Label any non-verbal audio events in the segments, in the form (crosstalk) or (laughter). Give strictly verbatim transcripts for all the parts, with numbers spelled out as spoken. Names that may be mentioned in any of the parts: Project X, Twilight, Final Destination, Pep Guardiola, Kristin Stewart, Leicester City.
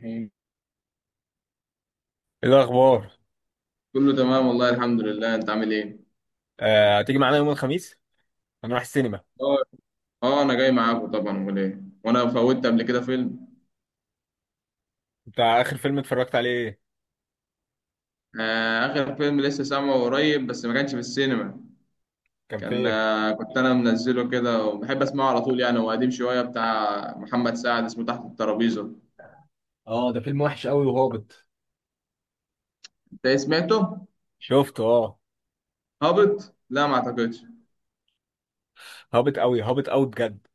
مم. ايه الاخبار؟ كله تمام والله الحمد لله، انت عامل ايه؟ آه، هتيجي معانا يوم الخميس؟ هنروح السينما. اه، اه، انا جاي معاكم طبعا، امال ايه؟ وانا فوتت قبل كده فيلم. بتاع اخر فيلم اتفرجت عليه ايه؟ آه، اخر فيلم لسه سامعه قريب، بس ما كانش في السينما. كان كان فين؟ آه كنت انا منزله كده وبحب اسمعه على طول، يعني هو قديم شويه، بتاع محمد سعد، اسمه تحت الترابيزه. اه، ده فيلم وحش قوي وهابط. انت ايه سمعته؟ شفته، اه. هابط؟ لا، ما اعتقدش. هابط قوي، هابط قوي بجد.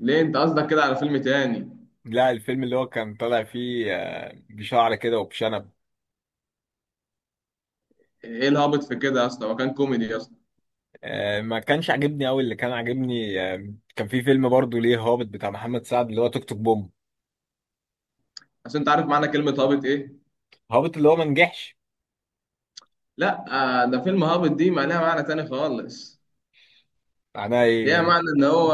ليه، انت قصدك كده على فيلم تاني؟ لا، الفيلم اللي هو كان طالع فيه آه، بشعر كده وبشنب. ايه الهابط في كده يا اسطى؟ هو كان كوميدي يا اسطى. آه، ما كانش عاجبني قوي. اللي كان عاجبني، آه، كان في فيلم برضه ليه هابط بتاع محمد سعد اللي هو توك توك بوم. عشان انت عارف معنى كلمه هابط ايه؟ هابط اللي هو ما نجحش. لا. آه، ده فيلم هابط، دي ما لها معنى تاني خالص. معناه ايه ليها يعني؟ معنى إن هو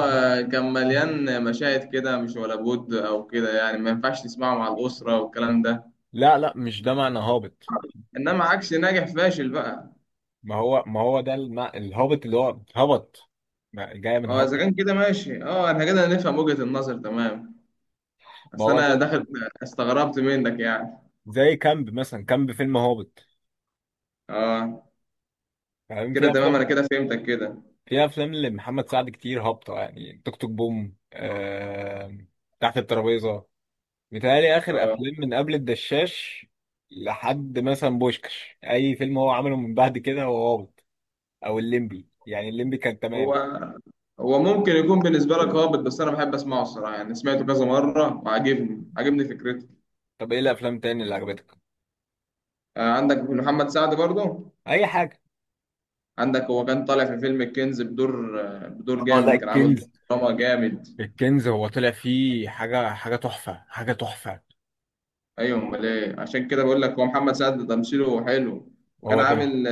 كان مليان مشاهد كده مش ولا بد أو كده، يعني ما ينفعش تسمعه مع الأسرة والكلام ده. لا لا، مش ده معنى هابط. إنما عكس ناجح فاشل بقى. ما هو ما هو ده المع... الهابط اللي هو هبط. ما- جاية من أه، إذا هبط. كان كده ماشي، أه، إحنا كده نفهم وجهة النظر، تمام. ما بس هو ده. أنا داخل استغربت منك يعني. زي كامب مثلا، كامب فيلم هابط. أه، فاهم. كده في تمام، أنا افلام كده فهمتك كده. في افلام لمحمد سعد كتير هابطه، يعني توك توك بوم. آه... تحت الترابيزه. متهيألي اخر أه. افلام من قبل الدشاش لحد مثلا بوشكش، اي فيلم هو عمله من بعد كده هو هابط. او الليمبي، يعني الليمبي كان هو تمام. هو ممكن يكون بالنسبة لك هابط، بس أنا بحب أسمعه الصراحة، يعني سمعته كذا مرة وعاجبني، عاجبني فكرته. طب ايه الافلام تاني اللي عجبتك؟ آه، عندك محمد سعد برضه. اي حاجه. عندك هو كان طالع في فيلم الكنز بدور بدور اه، لا، جامد، كان عامل دور الكنز. دراما جامد. الكنز، هو طلع فيه حاجه، حاجه تحفه، حاجه تحفه. ايوه، امال ايه؟ عشان كده بقول لك هو محمد سعد ده تمثيله حلو. وكان هو كان. عامل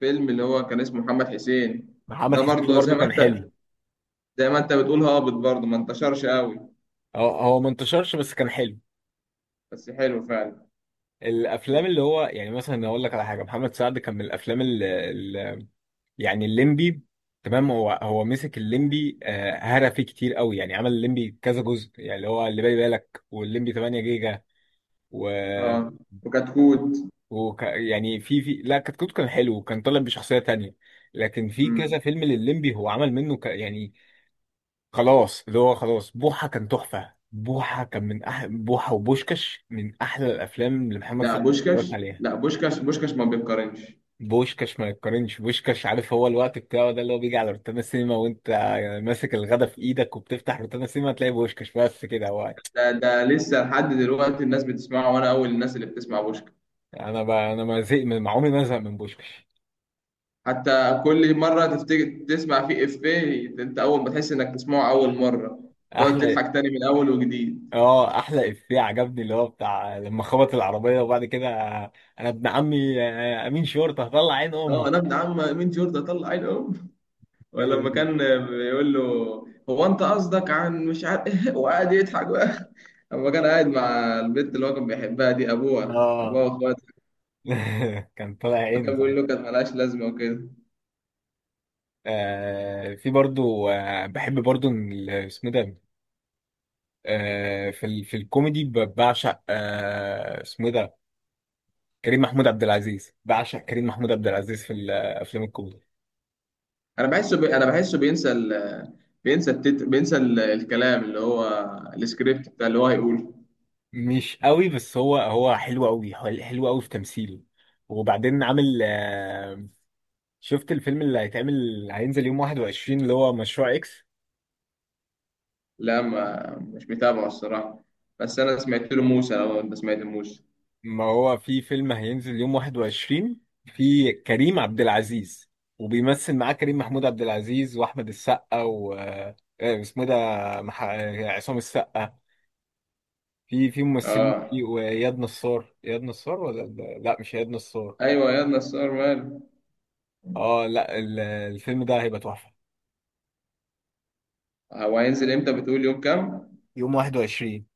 فيلم اللي هو كان اسمه محمد حسين. محمد ده حسين ده برضه زي برضه ما كان انت حلو. زي ما انت بتقول هابط، برضه ما انتشرش قوي، هو هو ما انتشرش بس كان حلو. بس حلو فعلا. الافلام اللي هو يعني مثلا اقول لك على حاجه، محمد سعد كان من الافلام اللي, اللي يعني الليمبي. تمام، هو هو مسك الليمبي، آه، هرى فيه كتير قوي، يعني عمل الليمبي كذا جزء، يعني اللي هو اللي بالي بالك، والليمبي 8 جيجا و, اه، وكتكوت. وك يعني في في، لا، كتكوت كان حلو وكان طالع بشخصيه تانية. لكن في امم. كذا فيلم للليمبي هو عمل منه، ك يعني خلاص، اللي هو خلاص بوحه كان تحفه، بوحه كان من أح... بوحه وبوشكش من احلى الافلام اللي محمد لا، سعد بوشكاش. اتفرجت عليها. لا، بوشكاش، بوشكاش ما بيتقارنش. بوشكاش ما يتقارنش. بوشكاش، عارف هو الوقت بتاعه ده اللي هو بيجي على روتانا سينما، وانت يعني ماسك الغدا في ايدك وبتفتح روتانا سينما تلاقي بوشكاش، بس كده هو. ده ده لسه لحد دلوقتي الناس بتسمعه، وانا اول الناس اللي بتسمع بوشكاش. انا ب... انا ما زهق من ما عمري ما ازهق من بوشكاش. حتى كل مرة تفتكر تسمع فيه إفيه، أنت أول ما تحس إنك تسمعه أول مرة، تقعد احلى. تضحك تاني من أول وجديد. اه، احلى افيه عجبني اللي هو بتاع لما خبط العربيه وبعد كده، انا ابن عمي، آه، امين شرطه هطلع عين أه، أنا امك. ابن عم مين جوردن طلع عين أم؟ ولما كان بيقول له، هو أنت قصدك عن مش عارف (laughs) إيه؟ وقعد يضحك بقى. لما كان قاعد مع البنت اللي هو كان بيحبها دي، أبوها، اه. أبوها وأخواتها، (laughs) كان طالع لما عينه كان بيقول ساعتها. له كانت ملهاش لازمة وكده. آه في برضو، آه بحب برضو إن ال- اسمه ده. آه، في ال... في الكوميدي ب- بعشق، آه، اسمه ايه ده؟ كريم محمود عبد العزيز، بعشق كريم محمود عبد العزيز في الافلام الكوميدي. أنا بحسه بي... أنا بحسه بينسى ال... بينسى التتر... بينسى ال... الكلام اللي هو السكريبت بتاع اللي هو هيقوله. مش قوي، بس هو هو حلو قوي، حل- حلو قوي في تمثيله. وبعدين عامل، آه، شفت الفيلم اللي هيتعمل هينزل يوم واحد وعشرين اللي هو مشروع اكس؟ لا، ما مش متابعه الصراحة، بس أنا سمعت له موسى، لو أنت سمعت موسى. ما هو في فيلم هينزل يوم واحد وعشرين. في كريم عبد العزيز، وبيمثل معاه كريم محمود عبد العزيز واحمد السقا و آه، اسمه إيه ده؟ مح... عصام السقا. في في ممثلين آه، كتير، وإياد نصار، إياد نصار ولا، لا لا، مش إياد نصار. أيوة، يا نصار ماله. اه، لا، ال- الفيلم ده هيبقى تحفة. هو هينزل إمتى، بتقول يوم كام؟ يوم واحد وعشرين.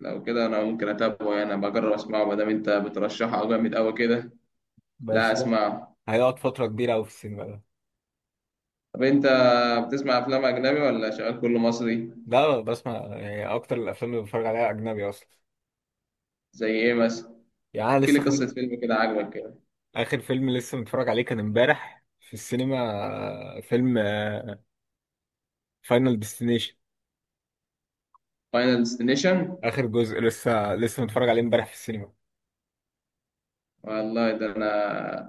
لو كده أنا ممكن أتابعه، يعني أنا بجرب أسمعه ما دام أنت بترشحه جامد أوي كده. لا، بس ده أسمعه. هيقعد فترة كبيرة أوي في السينما ده. طب أنت بتسمع أفلام أجنبي ولا شغال كله مصري؟ لا، بسمع يعني أكتر الأفلام اللي بتفرج عليها أجنبي أصلا. زي إيه مثلا؟ يعني أنا احكي لي لسه قصة خارج. فيلم كده عجبك كده. آخر فيلم لسه متفرج عليه كان امبارح في السينما، آه، فيلم فاينل ديستنيشن. فاينل ديستنيشن. آخر جزء لسه لسه متفرج عليه امبارح في السينما. والله ده أنا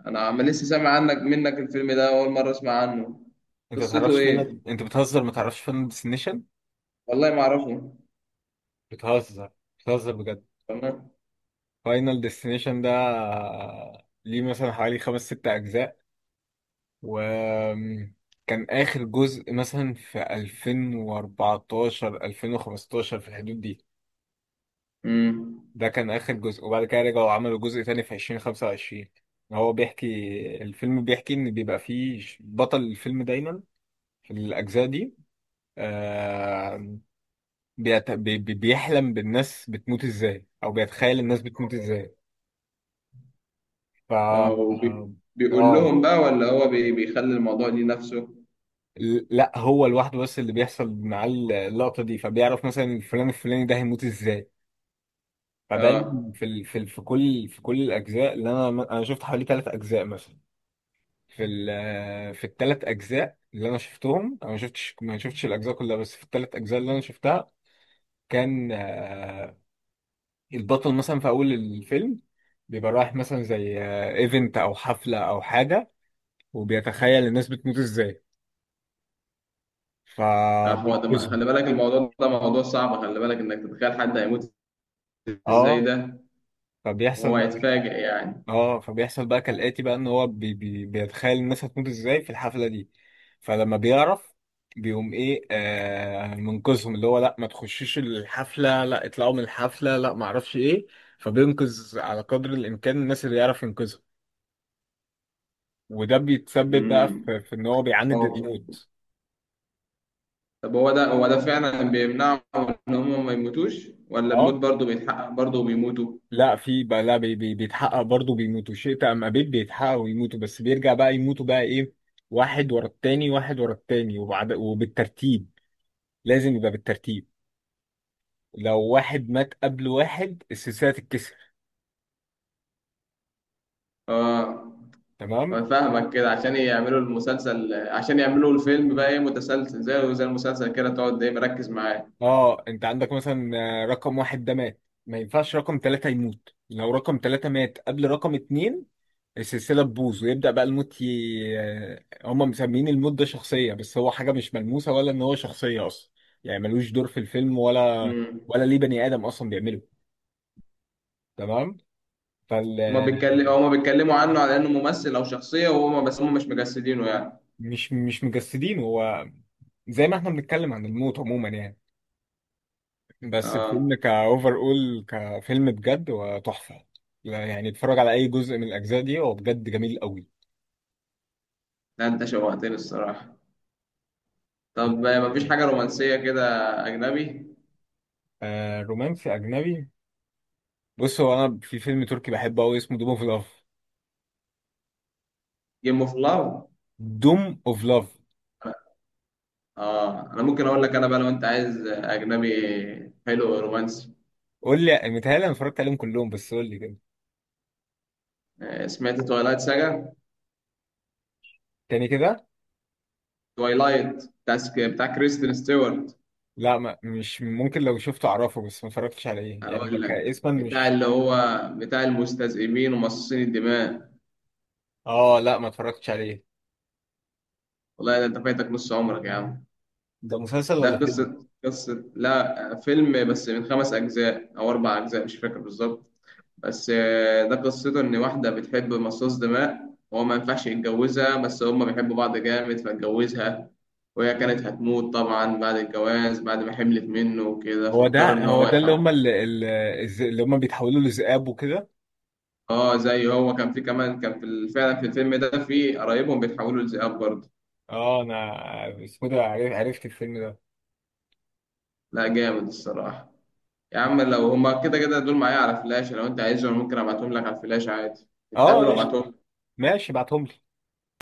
أنا عم لسه سامع عنك منك الفيلم ده، أول مرة أسمع عنه. أنت قصته متعرفش إيه؟ فاينل؟ أنت بتهزر، متعرفش فاينل ديستنيشن؟ والله ما أعرفه. بتهزر بتهزر بجد. تمام. فاينل ديستنيشن ده ليه مثلا حوالي خمس ست أجزاء، وكان آخر جزء مثلا في ألفين وأربعتاشر، ألفين وخمستاشر، في الحدود دي. امم. ده كان آخر جزء، وبعد كده رجعوا عملوا جزء تاني في ألفين وخمسة وعشرون. هو بيحكي، الفيلم بيحكي إن بيبقى فيه ش- بطل الفيلم دايما في الأجزاء دي، آه، بيت- بي- بي- بيحلم بالناس بتموت ازاي أو بيتخيل الناس بتموت ازاي. ف اه، وبي- بيقول اه، لهم بقى، ولا هو بي- بيخلي الموضوع ليه نفسه؟ لا، هو لوحده، بس اللي بيحصل معاه اللقطة دي فبيعرف مثلا الفلان الفلاني ده هيموت ازاي. فدايما اه. في ال... في ال... في كل في كل الأجزاء، اللي أنا أنا شفت حوالي ثلاث أجزاء مثلا. في ال... في الثلاث أجزاء اللي أنا شفتهم، أنا ما شفتش ما شفتش الأجزاء كلها، بس في الثلاث أجزاء اللي أنا شفتها كان، آه، البطل مثلا في أول الفيلم بيبقى رايح مثلا زي ايفنت أو حفلة أو حاجة، وبيتخيل الناس بتموت ازاي آه، هو ده م- فبينقذهم. خلي بالك، الموضوع ده موضوع صعب، خلي بالك انك تتخيل حد هيموت ازاي اه، ده. فبيحصل وهو بقى. هيتفاجئ يعني؟ اه، فبيحصل بقى كالآتي: بقى ان هو بي بي بيتخيل الناس هتموت ازاي في الحفلة دي. فلما بيعرف بيقوم ايه؟ آه منقذهم، اللي هو لا ما تخشوش الحفلة، لا اطلعوا من الحفلة، لا ما اعرفش ايه. فبينقذ على قدر الامكان الناس اللي يعرف ينقذها. وده بيتسبب بقى امم. في, في ان هو بيعاند أو- الموت. طب هو ده هو ده فعلا بيمنعهم ان هم ما يموتوش، ولا الموت اه، برضه بيتحقق برضه بيموتوا؟ لا في بقى، لا، بي بي بيتحقق برضه، بيموتوا شئت ام ابيت، بيتحققوا ويموتوا، بس بيرجع بقى يموتوا بقى ايه، واحد ورا التاني، واحد ورا التاني، وبعد وبالترتيب. لازم يبقى بالترتيب. لو واحد مات قبل واحد السلسلة تتكسر. اه. تمام. أنا فاهمك، كده عشان يعملوا المسلسل، عشان يعملوا الفيلم بقى ايه، متسلسل زي زي المسلسل كده، تقعد ايه مركز معاه. اه، انت عندك مثلا، آه، رقم واحد ده مات، ما ينفعش رقم ثلاثة يموت. لو رقم ثلاثة مات قبل رقم اتنين السلسلة تبوظ، ويبدأ بقى الموت ي... آه، هم مسميين الموت ده شخصية بس هو حاجة مش ملموسة، ولا ان هو شخصية اصلا، يعني ملوش دور في الفيلم، ولا ولا ليه بني آدم اصلا بيعمله. تمام. فال هما بيتكلم هما بيتكلموا عنه على انه ممثل او شخصيه، وهما بس هما مش مجسدينه يعني. مش مش مجسدين هو، زي ما احنا بنتكلم عن الموت عموما يعني. بس الفيلم اه. كأوفر أول كفيلم بجد وتحفة. لا يعني، اتفرج على أي جزء من الأجزاء دي، هو بجد جميل قوي. لا، انت شوقتني الصراحه. في- طب آه، مفيش حاجه رومانسيه كده؟ اجنبي. آه، رومانسي أجنبي. بص، هو أنا في فيلم تركي بحبه قوي اسمه دوم أوف لاف. جيم اوف لاف. دوم أوف لاف. اه، انا ممكن اقول لك انا بقى، لو انت عايز اجنبي حلو رومانسي. قول لي، متهيألي أنا اتفرجت عليهم كلهم بس قول لي كده. آه، سمعت توايلايت ساجا؟ تاني كده. توايلايت بتاع بتاع كريستين ستيوارت. لا، ما مش ممكن، لو شفته أعرفه بس ما اتفرجتش عليه، يعني أنا هقول لك كاسما بتاع مش. اللي هو بتاع المستذئبين ومصاصين الدماء. آه، لا ما اتفرجتش عليه. والله ده انت فايتك نص عمرك يا عم. ده مسلسل ده ولا فيلم؟ قصة، قصة لا فيلم، بس من خمس أجزاء أو أربع أجزاء مش فاكر بالظبط. بس آه، ده قصته إن واحدة بتحب مصاص دماء، وهو ما ينفعش يتجوزها بس هما بيحبوا بعض جامد فاتجوزها، وهي كانت هتموت طبعا بعد الجواز، بعد ما حملت منه وكده، هو فاضطر ده إن هو هو ده اللي يحاول. هم اللي, اللي هم بيتحولوا لذئاب وكده. اه، زي هو كان، في كمان كان في ال- فعلا في الفيلم ده في قرايبهم بيتحولوا لذئاب برضه. اه، انا اسمه ده عرف- عرفت الفيلم ده. لا، جامد الصراحة. يا عم لو هما كده كده دول معايا على فلاش، لو انت عايزهم ممكن ابعتهم لك على الفلاش عادي، اه، نتقابل قشطة. وابعتهم. ماشي، ابعتهم لي.